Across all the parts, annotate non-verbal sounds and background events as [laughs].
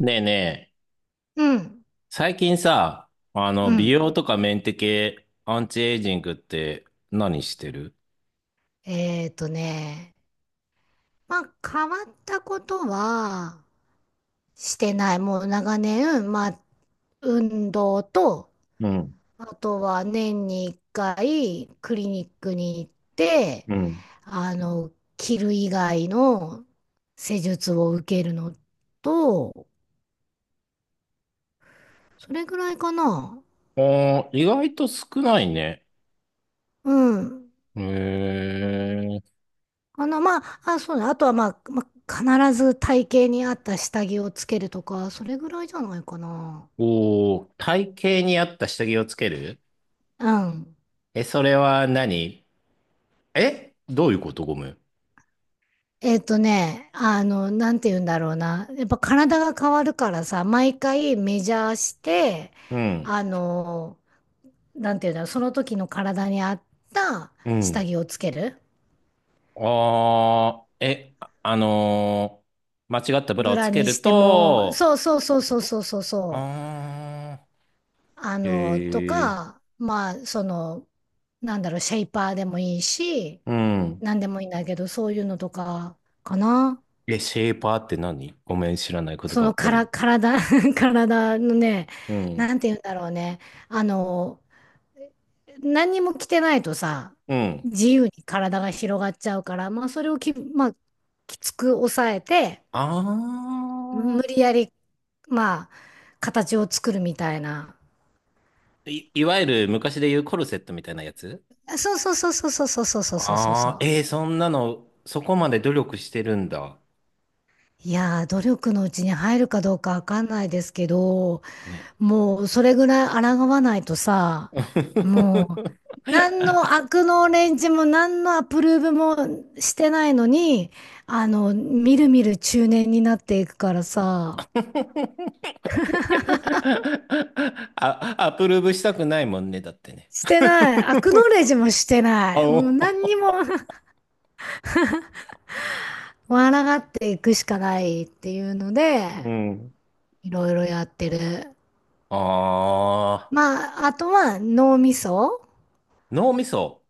ねえねえ、うん、最近さ、う美ん。容とかメンテ系、アンチエイジングって何してる？えっとね、まあ変わったことはしてない。もう長年、まあ運動と、うん、あとは年に1回クリニックに行って、うん。あの、切る以外の施術を受けるのと、それぐらいかな。あー、意外と少ないね。うん。へえ。まあ、あ、そうだ。あとは、まあ、必ず体型に合った下着をつけるとか、それぐらいじゃないかな。おー、体型に合った下着をつける？うん。え、それは何？え、どういうこと？ごめん。なんて言うんだろうな。やっぱ体が変わるからさ、毎回メジャーして、うん、あの、なんて言うんだろう、その時の体に合ったう下ん。着をつける。あー、え、間違ったブラブをつラけにしるても、と、そうそうっそうてこそうと？そうそうそう。あー、とへえ。か、まあ、なんだろう、シェイパーでもいいし、うん。なんでもいいんだけど、そういうのとかかな。え、シェーパーって何？ごめん、知らないことそばのっかからり。体、[laughs] 体のね、うん。なんて言うんだろうね。あの、何にも着てないとさ、うん。自由に体が広がっちゃうから、まあそれをき、まあ、きつく抑えて、あ無理やり、まあ、形を作るみたいな。あ。いわゆる昔で言うコルセットみたいなやつ？そうそうそうそうそうそうそうそうそうそああー、う。えー、そんなの、そこまで努力してるんだ。いやー、努力のうちに入るかどうかわかんないですけど、ね。もうそれぐらい抗わないとさ、もう [laughs] 何の悪のレンジも何のアプローブもしてないのに、みるみる中年になっていくからさ、あ、アプローブしたくないもんね、だってね。してない。アクノレージもしてあない。もう何お。にも [laughs] 笑がっていくしかないっていうので、[laughs] うん。いろいろやってる。ああ、まあ、あとは脳みそ。脳みそ。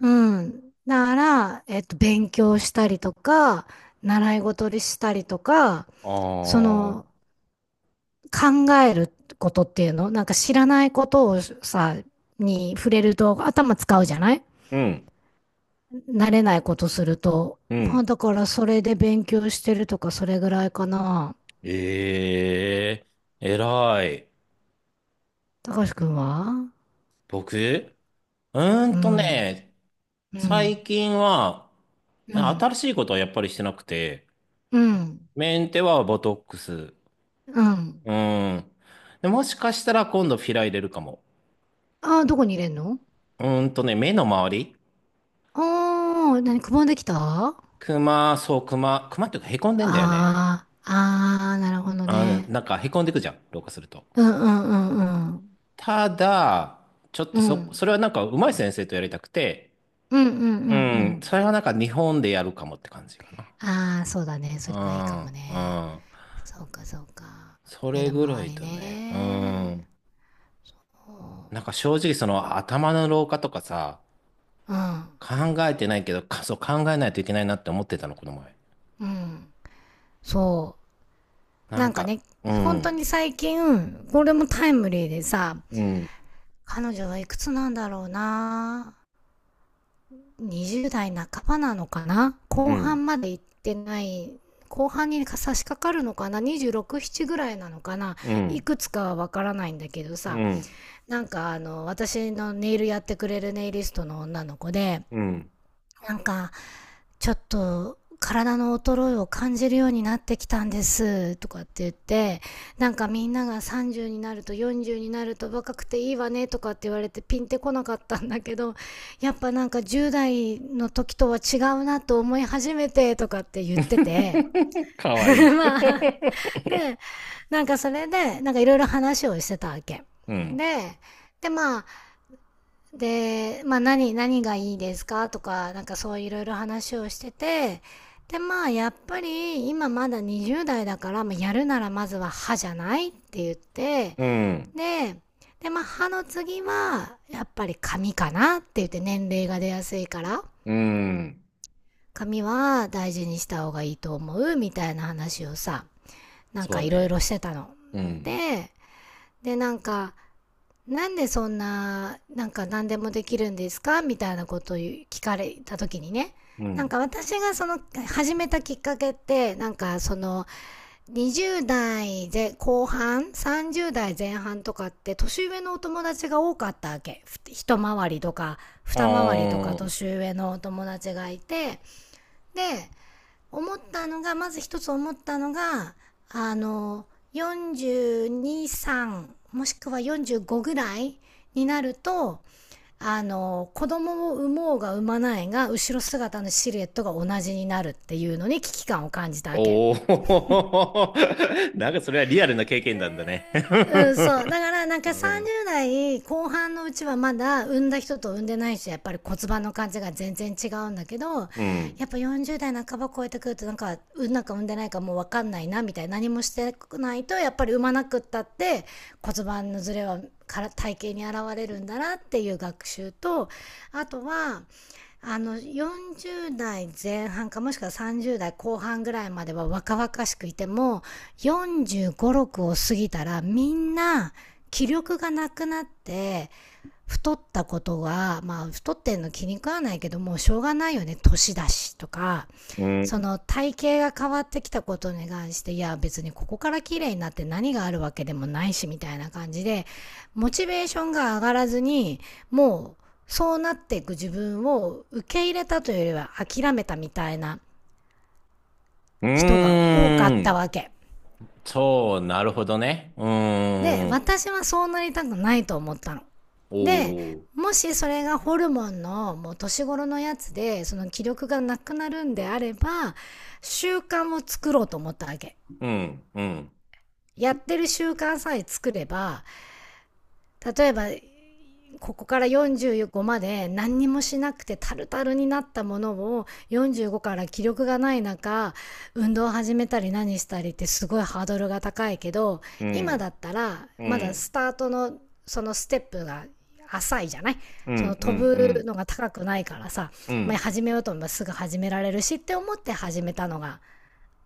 うん。だから、勉強したりとか、習い事にしたりとか、あそのあ、考えることっていうの、なんか知らないことをさ、に触れると頭使うじゃない、うん、慣れないことすると。うまん。あだからそれで勉強してるとかそれぐらいかな。ええ、偉い。たかしくんは？僕、うーうんとん。ね、う最ん。近は、うん。新しいことはやっぱりしてなくて、うん。メンテはボトックス。ううん。ーん。で、もしかしたら今度フィラ入れるかも。ああ、どこに入れんの？目の周り。ああー、何、くぼんできた？あクマ、そう、クマ。クマっていうか、へこんでんだよね。あー、ああ、なるほどうん、ね。なんかへこんでくじゃん、老化すると。うんうんうんうん。ただ、ちょっうとそ、ん。それはなんか上手い先生とやりたくて、うんうんううんうん、ん。それはなんか日本でやるかもって感じかな。ああ、そうだね。そうれがいいかん、もうね。ん。そうか、そうか。そ目れのぐら周いりだね。うね。ん。なんか正直その頭の老化とかさ、考えてないけど、そう考えないといけないなって思ってたの、この前。うん、うん。そう。ななんんかか、ね、う本当ん、に最近、これもタイムリーでさ、うん、彼女はいくつなんだろうな。20代半ばなのかな、う後ん、半まで行ってない、後半に差し掛かるのかな？ 26、7ぐらいなのかな、ういん、くつかはわからないんだけどうさ、ん、なんか私のネイルやってくれるネイリストの女の子で、うん。なんか、ちょっと体の衰えを感じるようになってきたんですとかって言って、なんかみんなが30になると40になると若くていいわねとかって言われてピンってこなかったんだけど、やっぱなんか10代の時とは違うなと思い始めてとかって言ってて [laughs] か [laughs]、わいい。まあ、[laughs] で、なんかそれで、なんかいろいろ話をしてたわけ。うん、で、でまあ、で、まあ何がいいですかとか、なんかそういろいろ話をしてて、で、まあやっぱり今まだ20代だから、まあ、やるならまずは歯じゃないって言って、うん、で、で、まあ歯の次はやっぱり髪かなって言って年齢が出やすいから、うん。髪は大事にした方がいいと思うみたいな話をさ、なんそかういろいろね。してたの。うん、で、で、なんか、なんでそんな、なんか何でもできるんですかみたいなことを聞かれた時にね。うなんん。か私がその始めたきっかけって、なんかその20代で後半、30代前半とかって年上のお友達が多かったわけ。一回りとか、あ二回りとかー、年上のお友達がいて、で、思ったのが、まず一つ思ったのが、あの、42、3もしくは45ぐらいになると、子供を産もうが産まないが、後ろ姿のシルエットが同じになるっていうのに危機感を感じたわけ。おー。[laughs] なんかそれはリアルな経験なんだね。うん、そう。だから、なん [laughs] うかん、30代後半のうちはまだ産んだ人と産んでない人、やっぱり骨盤の感じが全然違うんだけど、うん、やっぱ40代半ば超えてくると、なんか、産んだか産んでないかもう分かんないな、みたいな。何もしてないと、やっぱり産まなくったって、骨盤のズレはから体型に現れるんだなっていう学習と、あとは、40代前半かもしくは30代後半ぐらいまでは若々しくいても、45、6を過ぎたらみんな気力がなくなって太ったことが、まあ太ってんの気に食わないけどもうしょうがないよね、年だしとか、うそん。の体型が変わってきたことに関して、いや別にここから綺麗になって何があるわけでもないしみたいな感じで、モチベーションが上がらずに、もうそうなっていく自分を受け入れたというよりは諦めたみたいなうー人が多かったん。わけ。そう、なるほどね。うで、ーん。私はそうなりたくないと思ったの。おで、お。もしそれがホルモンのもう年頃のやつで、その気力がなくなるんであれば、習慣を作ろうと思ったわけ。うん、うん、やってる習慣さえ作れば、例えばここから45まで何にもしなくてタルタルになったものを45から気力がない中運動を始めたり何したりってすごいハードルが高いけど、う今だん、ったらうまだスん、タートのそのステップが浅いじゃない、うん、そのう飛ん、うぶん、のが高くないからさ、うまあ、ん。始めようと思えばすぐ始められるしって思って始めたのが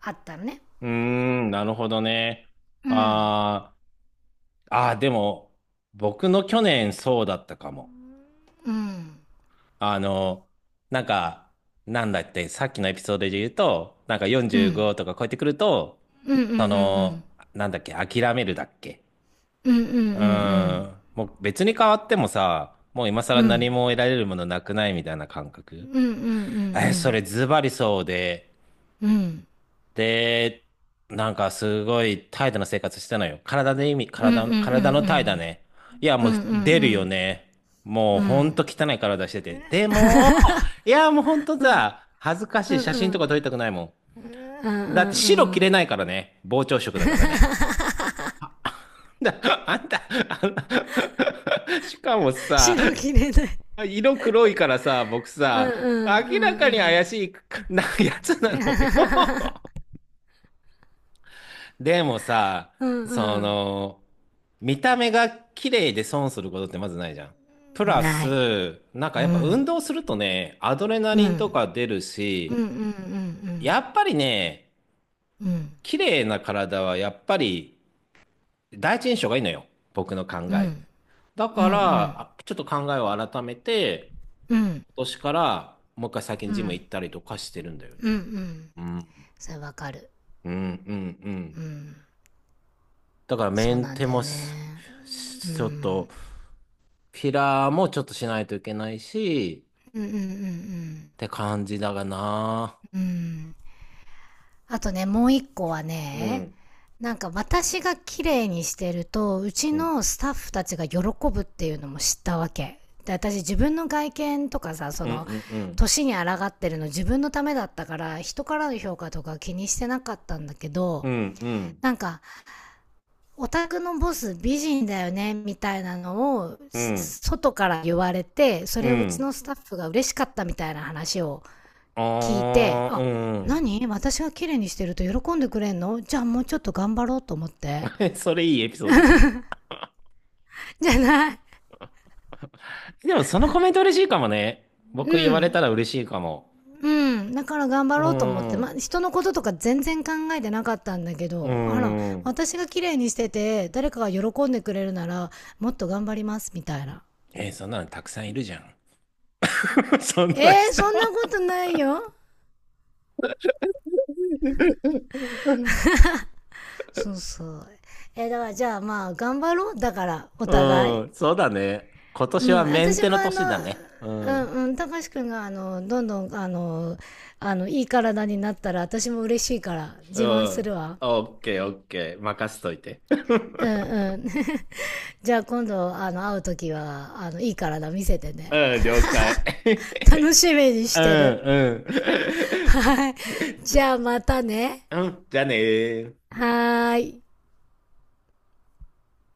あったのね。うーん、なるほどね。うんあーあー、でも、僕の去年そうだったかも。うんあの、なんか、なんだって、さっきのエピソードで言うと、なんかうん45とか超えてくると、うんうんうそんの、なんだっけ、諦めるだっけ。うんうんうんうんううんん。もう別に変わってもさ、もう今う更何んも得られるものなくないみたいな感う覚。んうんうえ、そんれズバリそうで、うんうんで、なんかすごい怠惰な生活してたのよ。体で意味、うんう体んうんの、うんう体の怠惰んね。いや、うもんうんううんう出るよんね。もううんほんとう汚い体してて。でも、いや、もうほんとさ、恥ずかんしい写真とうか撮りたくないもんうん。だって白着れん。ないからね。膨張色だからね。[laughs] だ、あんた、あんた [laughs] しかもさ、白切れない。色黒いからさ、僕うんうさ、んう明らかんにう怪ん。 しいなやつなのよ。 [laughs] [laughs] でもさ、うそんうの、見た目が綺麗で損することってまずないじゃん。プん。ラない。ス、なんうかやっぱ運ん動するとね、アドレナうんリうンとんか出るうんうし、んやっぱりね、うんうん綺麗な体はやっぱり第一印象がいいのよ。僕の考うえ。んだうんうんかうら、んあ、ちょっと考えを改めて、今年からもう一回最近ジム行ったりとかしてるんだようんうね。ん。うんそれわかる。うんうんううん。ん。だからメそうンなんテだよもしねうしちょっん。と、フィラーもちょっとしないといけないし、うんうんうん。って感じだがな。うんうん。あとね、もう一個はうね、ん。なんか私が綺麗にしてると、うちうんのスタッフたちが喜ぶっていうのも知ったわけ。で、私自分の外見とかさ、そうの、んうん年に抗ってるの自分のためだったから、人からの評価とか気にしてなかったんだけうど、んうんなんか、オタクのボス美人だよね、みたいなのを、うん外から言われて、そうれをうちのんスタッフが嬉しかったみたいな話を聞いて、あ、ああ何私が綺麗にしてると喜んでくれんの？じゃあもうちょっと頑張ろうと思って。うん。 [laughs] それいいエピソードじゃない？じゃない。でもそのコメント嬉しいかもね。僕言うわれん。たら嬉しいかも。うん。だから頑張うろうと思って、んまあ、う人のこととか全然考えてなかったんだけど、あら、ん。私が綺麗にしてて、誰かが喜んでくれるなら、もっと頑張ります、みたいな。えー、そんなのたくさんいるじゃん。 [laughs] そんえなー、人。 そんなことないよ。[laughs] そうそう。だからじゃあまあ、頑張ろう。だから、お互うい。ん、そうだね。今年うん、はメン私テもの年だね。うん。うんうん、たかしくんがどんどんいい体になったら私も嬉しいからう自慢すん。るわ。オッケー、オッケー。任せといて。[laughs] うんうん。[laughs] じゃあ今度、会うときは、いい体見せてね。うん、了解。楽しみに [laughs] しうん、てる。うん。はい。[laughs] じじゃあまたね。ゃ、うん、じゃあねー。はーい。